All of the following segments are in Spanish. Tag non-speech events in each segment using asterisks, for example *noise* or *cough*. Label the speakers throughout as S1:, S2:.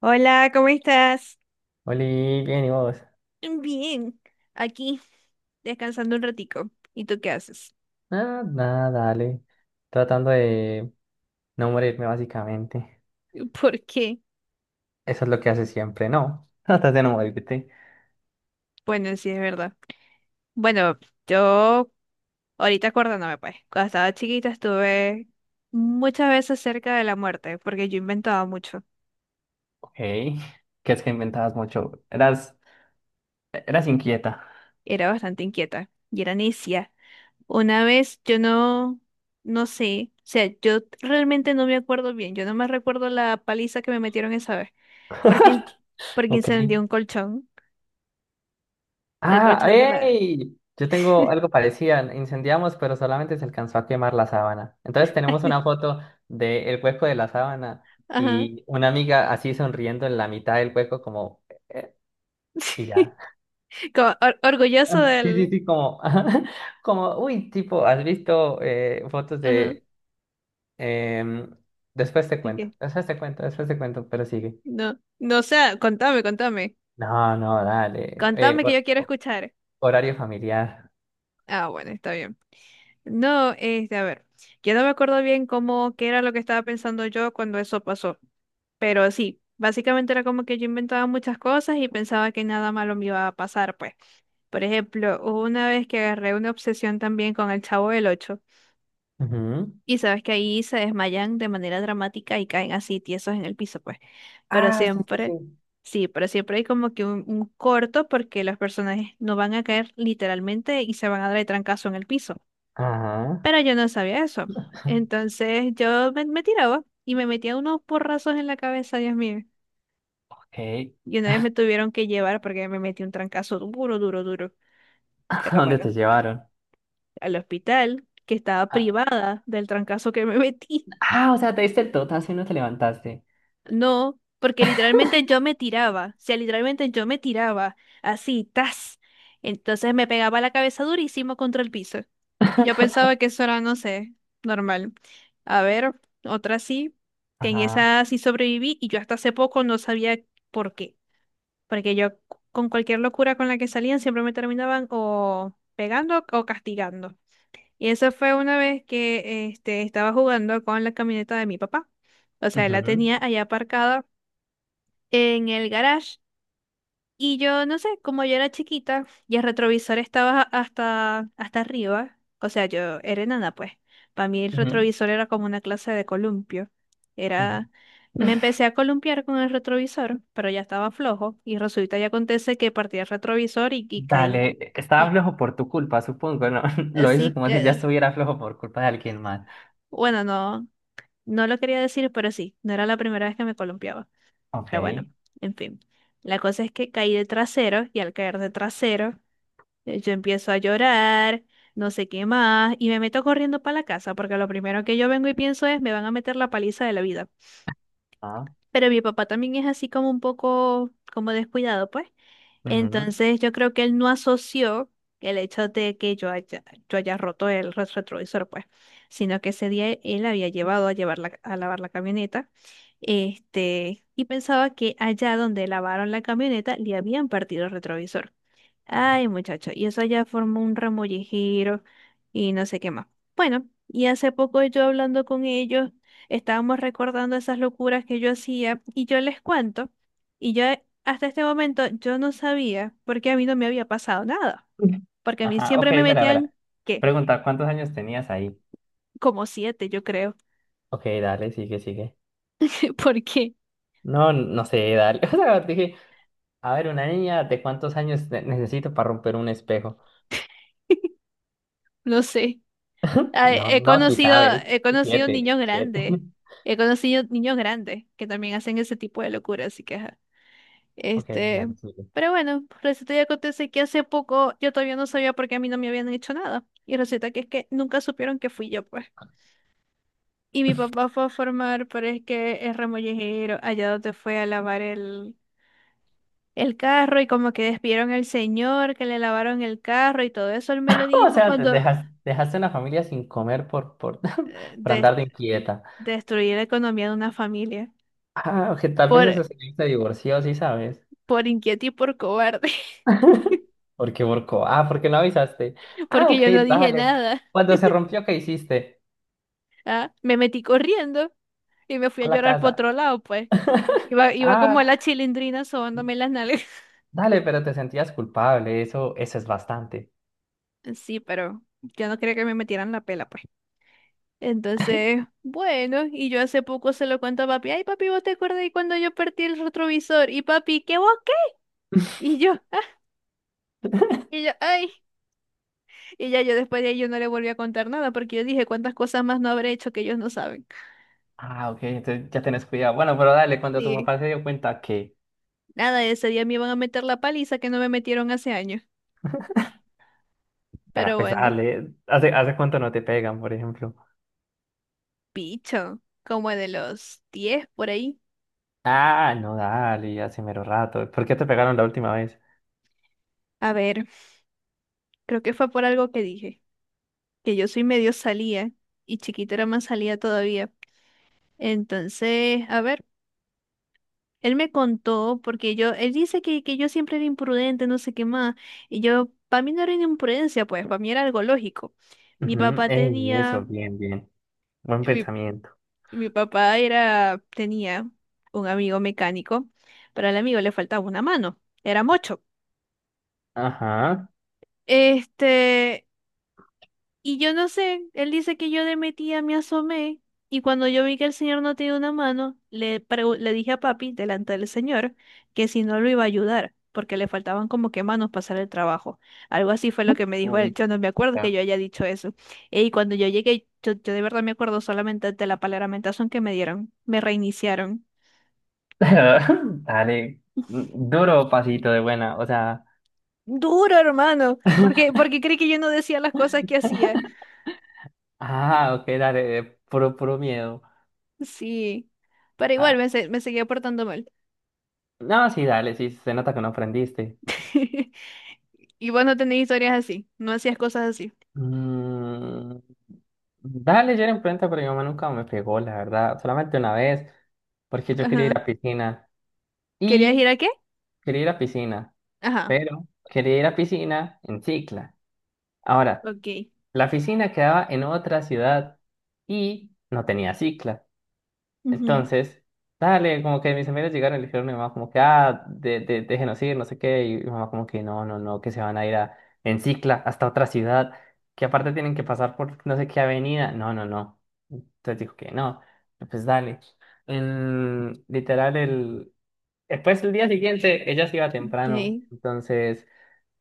S1: Hola, ¿cómo estás?
S2: Oli, bien, ¿y vos?
S1: Bien, aquí descansando un ratico. ¿Y tú qué haces?
S2: Nada, nada, dale. Tratando de no morirme, básicamente.
S1: *laughs* ¿Por qué?
S2: Eso es lo que haces siempre, ¿no? *laughs* Tratas de no morirte.
S1: Bueno, sí, es verdad. Bueno, yo ahorita acordándome, pues, cuando estaba chiquita estuve muchas veces cerca de la muerte, porque yo inventaba mucho.
S2: Ok. ¿Qué es que inventabas mucho? Eras inquieta.
S1: Era bastante inquieta y era necia. Una vez yo no, no sé, o sea, yo realmente no me acuerdo bien. Yo no me recuerdo la paliza que me metieron esa vez, porque, porque
S2: Ok.
S1: incendié un colchón, el
S2: Ah,
S1: colchón de la,
S2: ¡ey! Yo tengo algo parecido. Incendiamos, pero solamente se alcanzó a quemar la sábana. Entonces
S1: *laughs* ay,
S2: tenemos
S1: Dios.
S2: una foto del hueco de la sábana
S1: Ajá.
S2: y una amiga así sonriendo en la mitad del hueco como eh,
S1: *laughs*
S2: Y
S1: Sí.
S2: ya.
S1: Como orgulloso
S2: Ah, sí, sí,
S1: del...
S2: sí, como, *laughs* como, uy, tipo, has visto fotos
S1: Ajá.
S2: de, em, después te
S1: ¿De
S2: cuento,
S1: qué?
S2: después te cuento, después te cuento, pero sigue.
S1: No, no, o sea, contame, contame.
S2: No, no, dale,
S1: Contame que yo quiero escuchar.
S2: horario familiar.
S1: Ah, bueno, está bien. No, este, a ver, yo no me acuerdo bien cómo, qué era lo que estaba pensando yo cuando eso pasó, pero sí, básicamente era como que yo inventaba muchas cosas y pensaba que nada malo me iba a pasar, pues. Por ejemplo, hubo una vez que agarré una obsesión también con el Chavo del Ocho.
S2: Ujú.
S1: Y sabes que ahí se desmayan de manera dramática y caen así tiesos en el piso, pues. Pero
S2: Ah, sí, sí,
S1: siempre,
S2: sí.
S1: sí, pero siempre hay como que un corto porque los personajes no van a caer literalmente y se van a dar de trancazo en el piso.
S2: Ajá,
S1: Pero yo no sabía eso. Entonces yo me tiraba y me metía unos porrazos en la cabeza, Dios mío.
S2: ok.
S1: Y
S2: *laughs*
S1: una vez me tuvieron que llevar porque me metí un trancazo duro, duro, duro.
S2: ¿A
S1: Pero
S2: dónde
S1: bueno,
S2: te llevaron?
S1: al hospital, que estaba
S2: Ah,
S1: privada del trancazo que me metí.
S2: ah, o sea, te diste el totazo y no te levantaste.
S1: No, porque literalmente yo me tiraba, o sea, literalmente yo me tiraba así, tas. Entonces me pegaba la cabeza durísimo contra el piso. Y yo pensaba que eso era, no sé, normal. A ver, otra sí, que en
S2: Ajá.
S1: esa sí sobreviví y yo hasta hace poco no sabía por qué. Porque yo con cualquier locura con la que salían siempre me terminaban o pegando o castigando. Y eso fue una vez que este, estaba jugando con la camioneta de mi papá. O sea, él la
S2: Ujú,
S1: tenía allá aparcada en el garage. Y yo, no sé, como yo era chiquita y el retrovisor estaba hasta arriba, o sea, yo era enana, pues. Para mí el
S2: ujú,
S1: retrovisor era como una clase de columpio.
S2: ujú.
S1: Era, me empecé a columpiar con el retrovisor, pero ya estaba flojo y resulta y acontece que partí el retrovisor y
S2: Dale,
S1: caí.
S2: estaba
S1: Y
S2: flojo por tu culpa, supongo, ¿no? *laughs* Lo dices
S1: así
S2: como si ya
S1: que,
S2: estuviera flojo por culpa de alguien más.
S1: bueno, no, no lo quería decir, pero sí, no era la primera vez que me columpiaba.
S2: Ok.
S1: Pero bueno, en fin. La cosa es que caí de trasero y al caer de trasero yo empiezo a llorar, no sé qué más, y me meto corriendo para la casa, porque lo primero que yo vengo y pienso es, me van a meter la paliza de la vida.
S2: Ah,
S1: Pero mi papá también es así como un poco, como descuidado, pues.
S2: ujú.
S1: Entonces yo creo que él no asoció el hecho de que yo haya roto el retrovisor, pues, sino que ese día él había llevar a lavar la camioneta, este, y pensaba que allá donde lavaron la camioneta le habían partido el retrovisor. Ay, muchacho, y eso ya formó un remollejero y no sé qué más. Bueno, y hace poco yo hablando con ellos, estábamos recordando esas locuras que yo hacía y yo les cuento, y yo hasta este momento yo no sabía porque a mí no me había pasado nada,
S2: *laughs*
S1: porque a mí
S2: Ajá, ok,
S1: siempre me
S2: verá,
S1: metían,
S2: verá.
S1: ¿qué?
S2: Pregunta, ¿cuántos años tenías ahí?
S1: Como 7, yo creo.
S2: Ok, dale, sigue, sigue.
S1: *laughs* ¿Por qué?
S2: No, no sé, dale. *laughs* O sea, dije, a ver, una niña, ¿de cuántos años necesito para romper un espejo?
S1: No sé. Ah,
S2: No, no, si sabes.
S1: He conocido
S2: Siete,
S1: niños
S2: siete.
S1: grandes,
S2: *laughs*
S1: he conocido niños grandes que también hacen ese tipo de locuras, así que... ajá.
S2: Ok,
S1: Este,
S2: dale, sigue.
S1: pero bueno, resulta y acontece que hace poco yo todavía no sabía por qué a mí no me habían hecho nada. Y resulta que es que nunca supieron que fui yo, pues. Y mi papá fue a formar, pero es que es remollejero, allá donde fue a lavar el carro y como que despidieron al señor, que le lavaron el carro y todo eso, él me lo
S2: O
S1: dijo
S2: sea,
S1: cuando
S2: dejaste una familia sin comer
S1: eh,
S2: *laughs* por
S1: des-
S2: andar de inquieta.
S1: destruí la economía de una familia.
S2: Ah, ok, tal vez
S1: Por,
S2: eso se divorció, sí sabes.
S1: por inquieto y por cobarde, *laughs*
S2: ¿Por qué borcó? Ah, porque no avisaste. Ah,
S1: porque
S2: ok,
S1: yo no dije
S2: dale.
S1: nada.
S2: Cuando se rompió, ¿qué hiciste?
S1: Ah, me metí corriendo. Y me fui a
S2: A la
S1: llorar por
S2: casa.
S1: otro lado, pues. Iba, iba como
S2: Ah,
S1: la chilindrina sobándome las nalgas.
S2: dale, pero te sentías culpable, eso es bastante.
S1: *laughs* Sí, pero yo no quería que me metieran la pela, pues. Entonces, bueno, y yo hace poco se lo cuento a papi. Ay, papi, ¿vos te acuerdas de cuando yo perdí el retrovisor? Y papi, ¿qué vos qué? Y yo, *laughs* y yo, ay. Y ya yo después de ahí yo no le volví a contar nada porque yo dije cuántas cosas más no habré hecho que ellos no saben.
S2: Ah, ok, entonces ya tenés cuidado. Bueno, pero dale, cuando tu
S1: Sí.
S2: papá se dio cuenta que,
S1: Nada, ese día me iban a meter la paliza que no me metieron hace años.
S2: para
S1: Pero bueno,
S2: empezarle, ¿hace cuánto no te pegan, por ejemplo?
S1: picho, como de los 10 por ahí.
S2: Ah, no, dale, hace mero rato. ¿Por qué te pegaron la última vez?
S1: A ver. Creo que fue por algo que dije, que yo soy medio salía y chiquita era más salía todavía. Entonces, a ver, él me contó, porque yo, él dice que yo siempre era imprudente, no sé qué más, y yo, para mí no era una imprudencia, pues, para mí era algo lógico. Mi
S2: Ujú,
S1: papá
S2: ey, eso,
S1: tenía,
S2: bien, bien. Buen
S1: mi,
S2: pensamiento.
S1: mi papá era, tenía un amigo mecánico, pero al amigo le faltaba una mano, era mocho.
S2: Ajá.
S1: Este, y yo no sé, él dice que yo de metida me asomé y cuando yo vi que el señor no tenía una mano, le, le dije a papi delante del señor que si no lo iba a ayudar, porque le faltaban como que manos para hacer el trabajo. Algo así fue lo que me dijo él.
S2: Uy,
S1: Yo no me acuerdo que
S2: ya.
S1: yo haya dicho eso. Y cuando yo llegué, yo de verdad me acuerdo solamente de la palaramentación que me dieron. Me reiniciaron.
S2: *laughs* Dale, duro pasito de buena, o sea,
S1: Duro, hermano, porque creí que yo no decía las cosas que hacía.
S2: ah, ok, dale, puro, puro miedo.
S1: Sí, pero
S2: Ah,
S1: me seguía portando mal.
S2: no, sí, dale, sí, se nota que no aprendiste.
S1: *laughs* Y vos no tenés historias así, no hacías cosas así.
S2: Mm, dale, yo era en planta, pero mi mamá nunca me pegó, la verdad. Solamente una vez, porque yo quería
S1: Ajá.
S2: ir a piscina.
S1: ¿Querías ir
S2: Y
S1: a qué?
S2: quería ir a piscina,
S1: Ajá.
S2: pero quería ir a piscina en cicla. Ahora,
S1: Ok.
S2: la piscina quedaba en otra ciudad y no tenía cicla.
S1: Ujú.
S2: Entonces, dale, como que mis amigos llegaron y le dijeron a mi mamá como que, ah, déjenos ir, no sé qué, y mi mamá como que, no, no, no, que se van a ir a, en cicla hasta otra ciudad, que aparte tienen que pasar por no sé qué avenida, no, no, no. Entonces dijo que no, pues dale. Literal, después el día siguiente, ella se iba temprano,
S1: Ok.
S2: entonces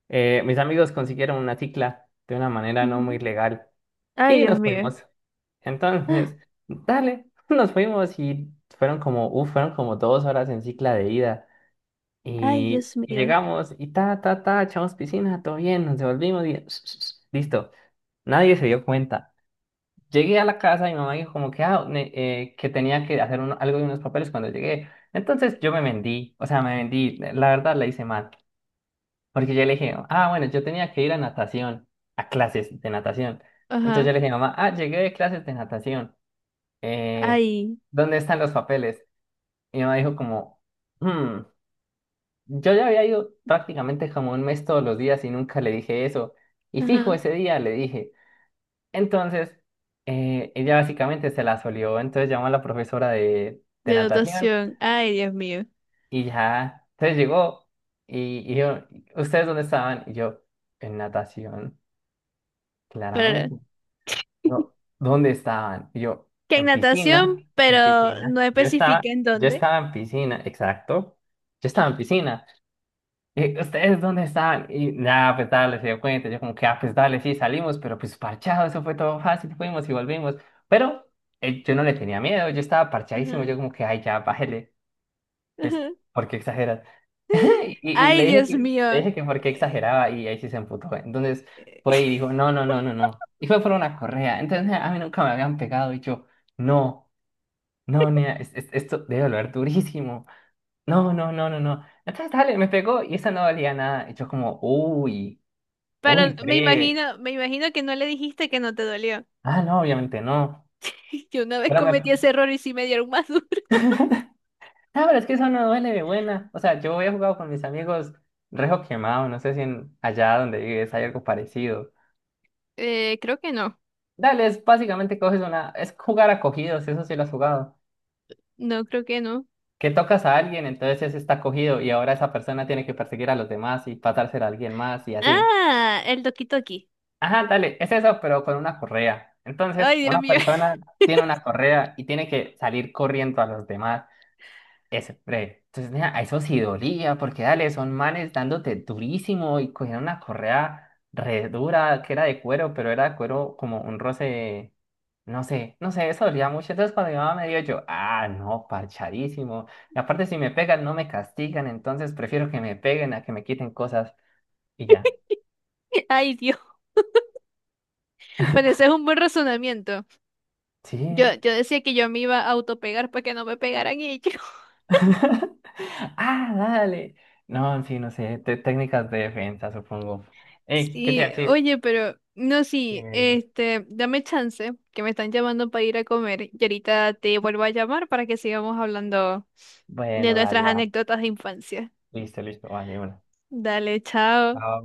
S2: mis amigos consiguieron una cicla de una manera no muy
S1: Ujú.
S2: legal
S1: Ay,
S2: y
S1: Dios
S2: nos
S1: mío. *gasps*
S2: fuimos.
S1: Ah,
S2: Entonces, dale, *laughs* nos fuimos y fueron como 2 horas en cicla de ida.
S1: ay,
S2: Y,
S1: Dios
S2: y
S1: mío.
S2: llegamos y ta, ta, ta, echamos piscina, todo bien, nos devolvimos y *laughs* *tsk* listo. Nadie se dio cuenta. Llegué a la casa y mi mamá dijo como que, ah, que tenía que hacer algo de unos papeles cuando llegué. Entonces yo me vendí, o sea, me vendí, la verdad la hice mal, porque yo le dije, ah, bueno, yo tenía que ir a natación, a clases de natación. Entonces
S1: Ajá.
S2: yo le dije, mamá, ah, llegué de clases de natación eh,
S1: Ay.
S2: ¿dónde están los papeles? Y mi mamá dijo como, "Hmm, yo ya había ido prácticamente como un mes todos los días y nunca le dije eso. Y fijo,
S1: Ajá.
S2: ese día le dije. Entonces, ella básicamente se la solió, entonces llamó a la profesora de,
S1: De
S2: natación
S1: natación. Ay, Dios mío.
S2: y ya, entonces llegó y yo, ¿ustedes dónde estaban? Y yo, en natación,
S1: Para...
S2: claramente. No,
S1: *laughs*
S2: ¿dónde estaban? Y yo,
S1: Que en
S2: en
S1: natación,
S2: piscina, en
S1: pero
S2: piscina.
S1: no
S2: Yo estaba,
S1: especifica en
S2: yo
S1: dónde.
S2: estaba en piscina, exacto. Yo estaba en piscina. Y, ¿ustedes dónde estaban? Y nada, pues dale, se dio cuenta. Yo como que, ah, pues dale, sí, salimos, pero pues parchado, eso fue todo fácil, fuimos y volvimos. Pero yo no le tenía miedo, yo estaba parchadísimo, yo
S1: Ajá.
S2: como que, ay, ya, bájele pues,
S1: Ajá.
S2: ¿por qué exageras? *laughs*
S1: *laughs*
S2: Y le
S1: Ay,
S2: dije
S1: Dios
S2: que, le
S1: mío.
S2: dije que por qué
S1: Eh,
S2: exageraba y ahí sí se emputó. Entonces
S1: eh. *laughs*
S2: fue y dijo, no, no, no, no, no. Y fue por una correa. Entonces a mí nunca me habían pegado y yo, no, no, nea, esto debe doler durísimo. No, no, no, no, no. Entonces dale, me pegó y esa no valía nada. Y yo como, uy,
S1: Pero
S2: uy, breve.
S1: me imagino que no le dijiste que no te dolió.
S2: Ah, no, obviamente no.
S1: *laughs* Yo una vez
S2: No,
S1: cometí ese error y sí me dieron más *laughs* duro.
S2: pero es que eso no duele de buena. O sea, yo había jugado con mis amigos rejo quemado. No sé si en allá donde vives hay algo parecido.
S1: Creo que no.
S2: Dale, es básicamente es jugar a cogidos, eso sí lo has jugado.
S1: No, creo que no.
S2: Que tocas a alguien, entonces ese está cogido y ahora esa persona tiene que perseguir a los demás y pasársela a alguien más y así.
S1: Ah, el Doki Doki.
S2: Ajá, dale, es eso, pero con una correa. Entonces,
S1: Ay, Dios
S2: una
S1: mío.
S2: persona tiene una correa y tiene que salir corriendo a los demás. Ese, breve. Entonces, nea, a eso sí dolía, porque dale, son manes dándote durísimo y cogieron una correa re dura que era de cuero, pero era de cuero como un roce, no sé, no sé, eso dolía mucho. Entonces, cuando mi mamá me dio, yo, ah, no, parchadísimo. Y aparte, si me pegan, no me castigan, entonces prefiero que me peguen a que me quiten cosas y ya.
S1: *laughs* Ay, Dios. Bueno, ese es un buen razonamiento. Yo,
S2: Sí.
S1: yo decía que yo me iba a autopegar para que no me pegaran ellos. *laughs*
S2: *laughs* Ah, dale. No, en fin, no sé, técnicas de defensa, supongo. Ey, ¿qué te iba a
S1: Sí,
S2: decir?
S1: oye, pero no, sí,
S2: Eh,
S1: este, dame chance, que me están llamando para ir a comer y ahorita te vuelvo a llamar para que sigamos hablando de
S2: Bueno, dale,
S1: nuestras
S2: va.
S1: anécdotas de infancia.
S2: Listo, listo, vale, de una.
S1: Dale, chao.
S2: Ah,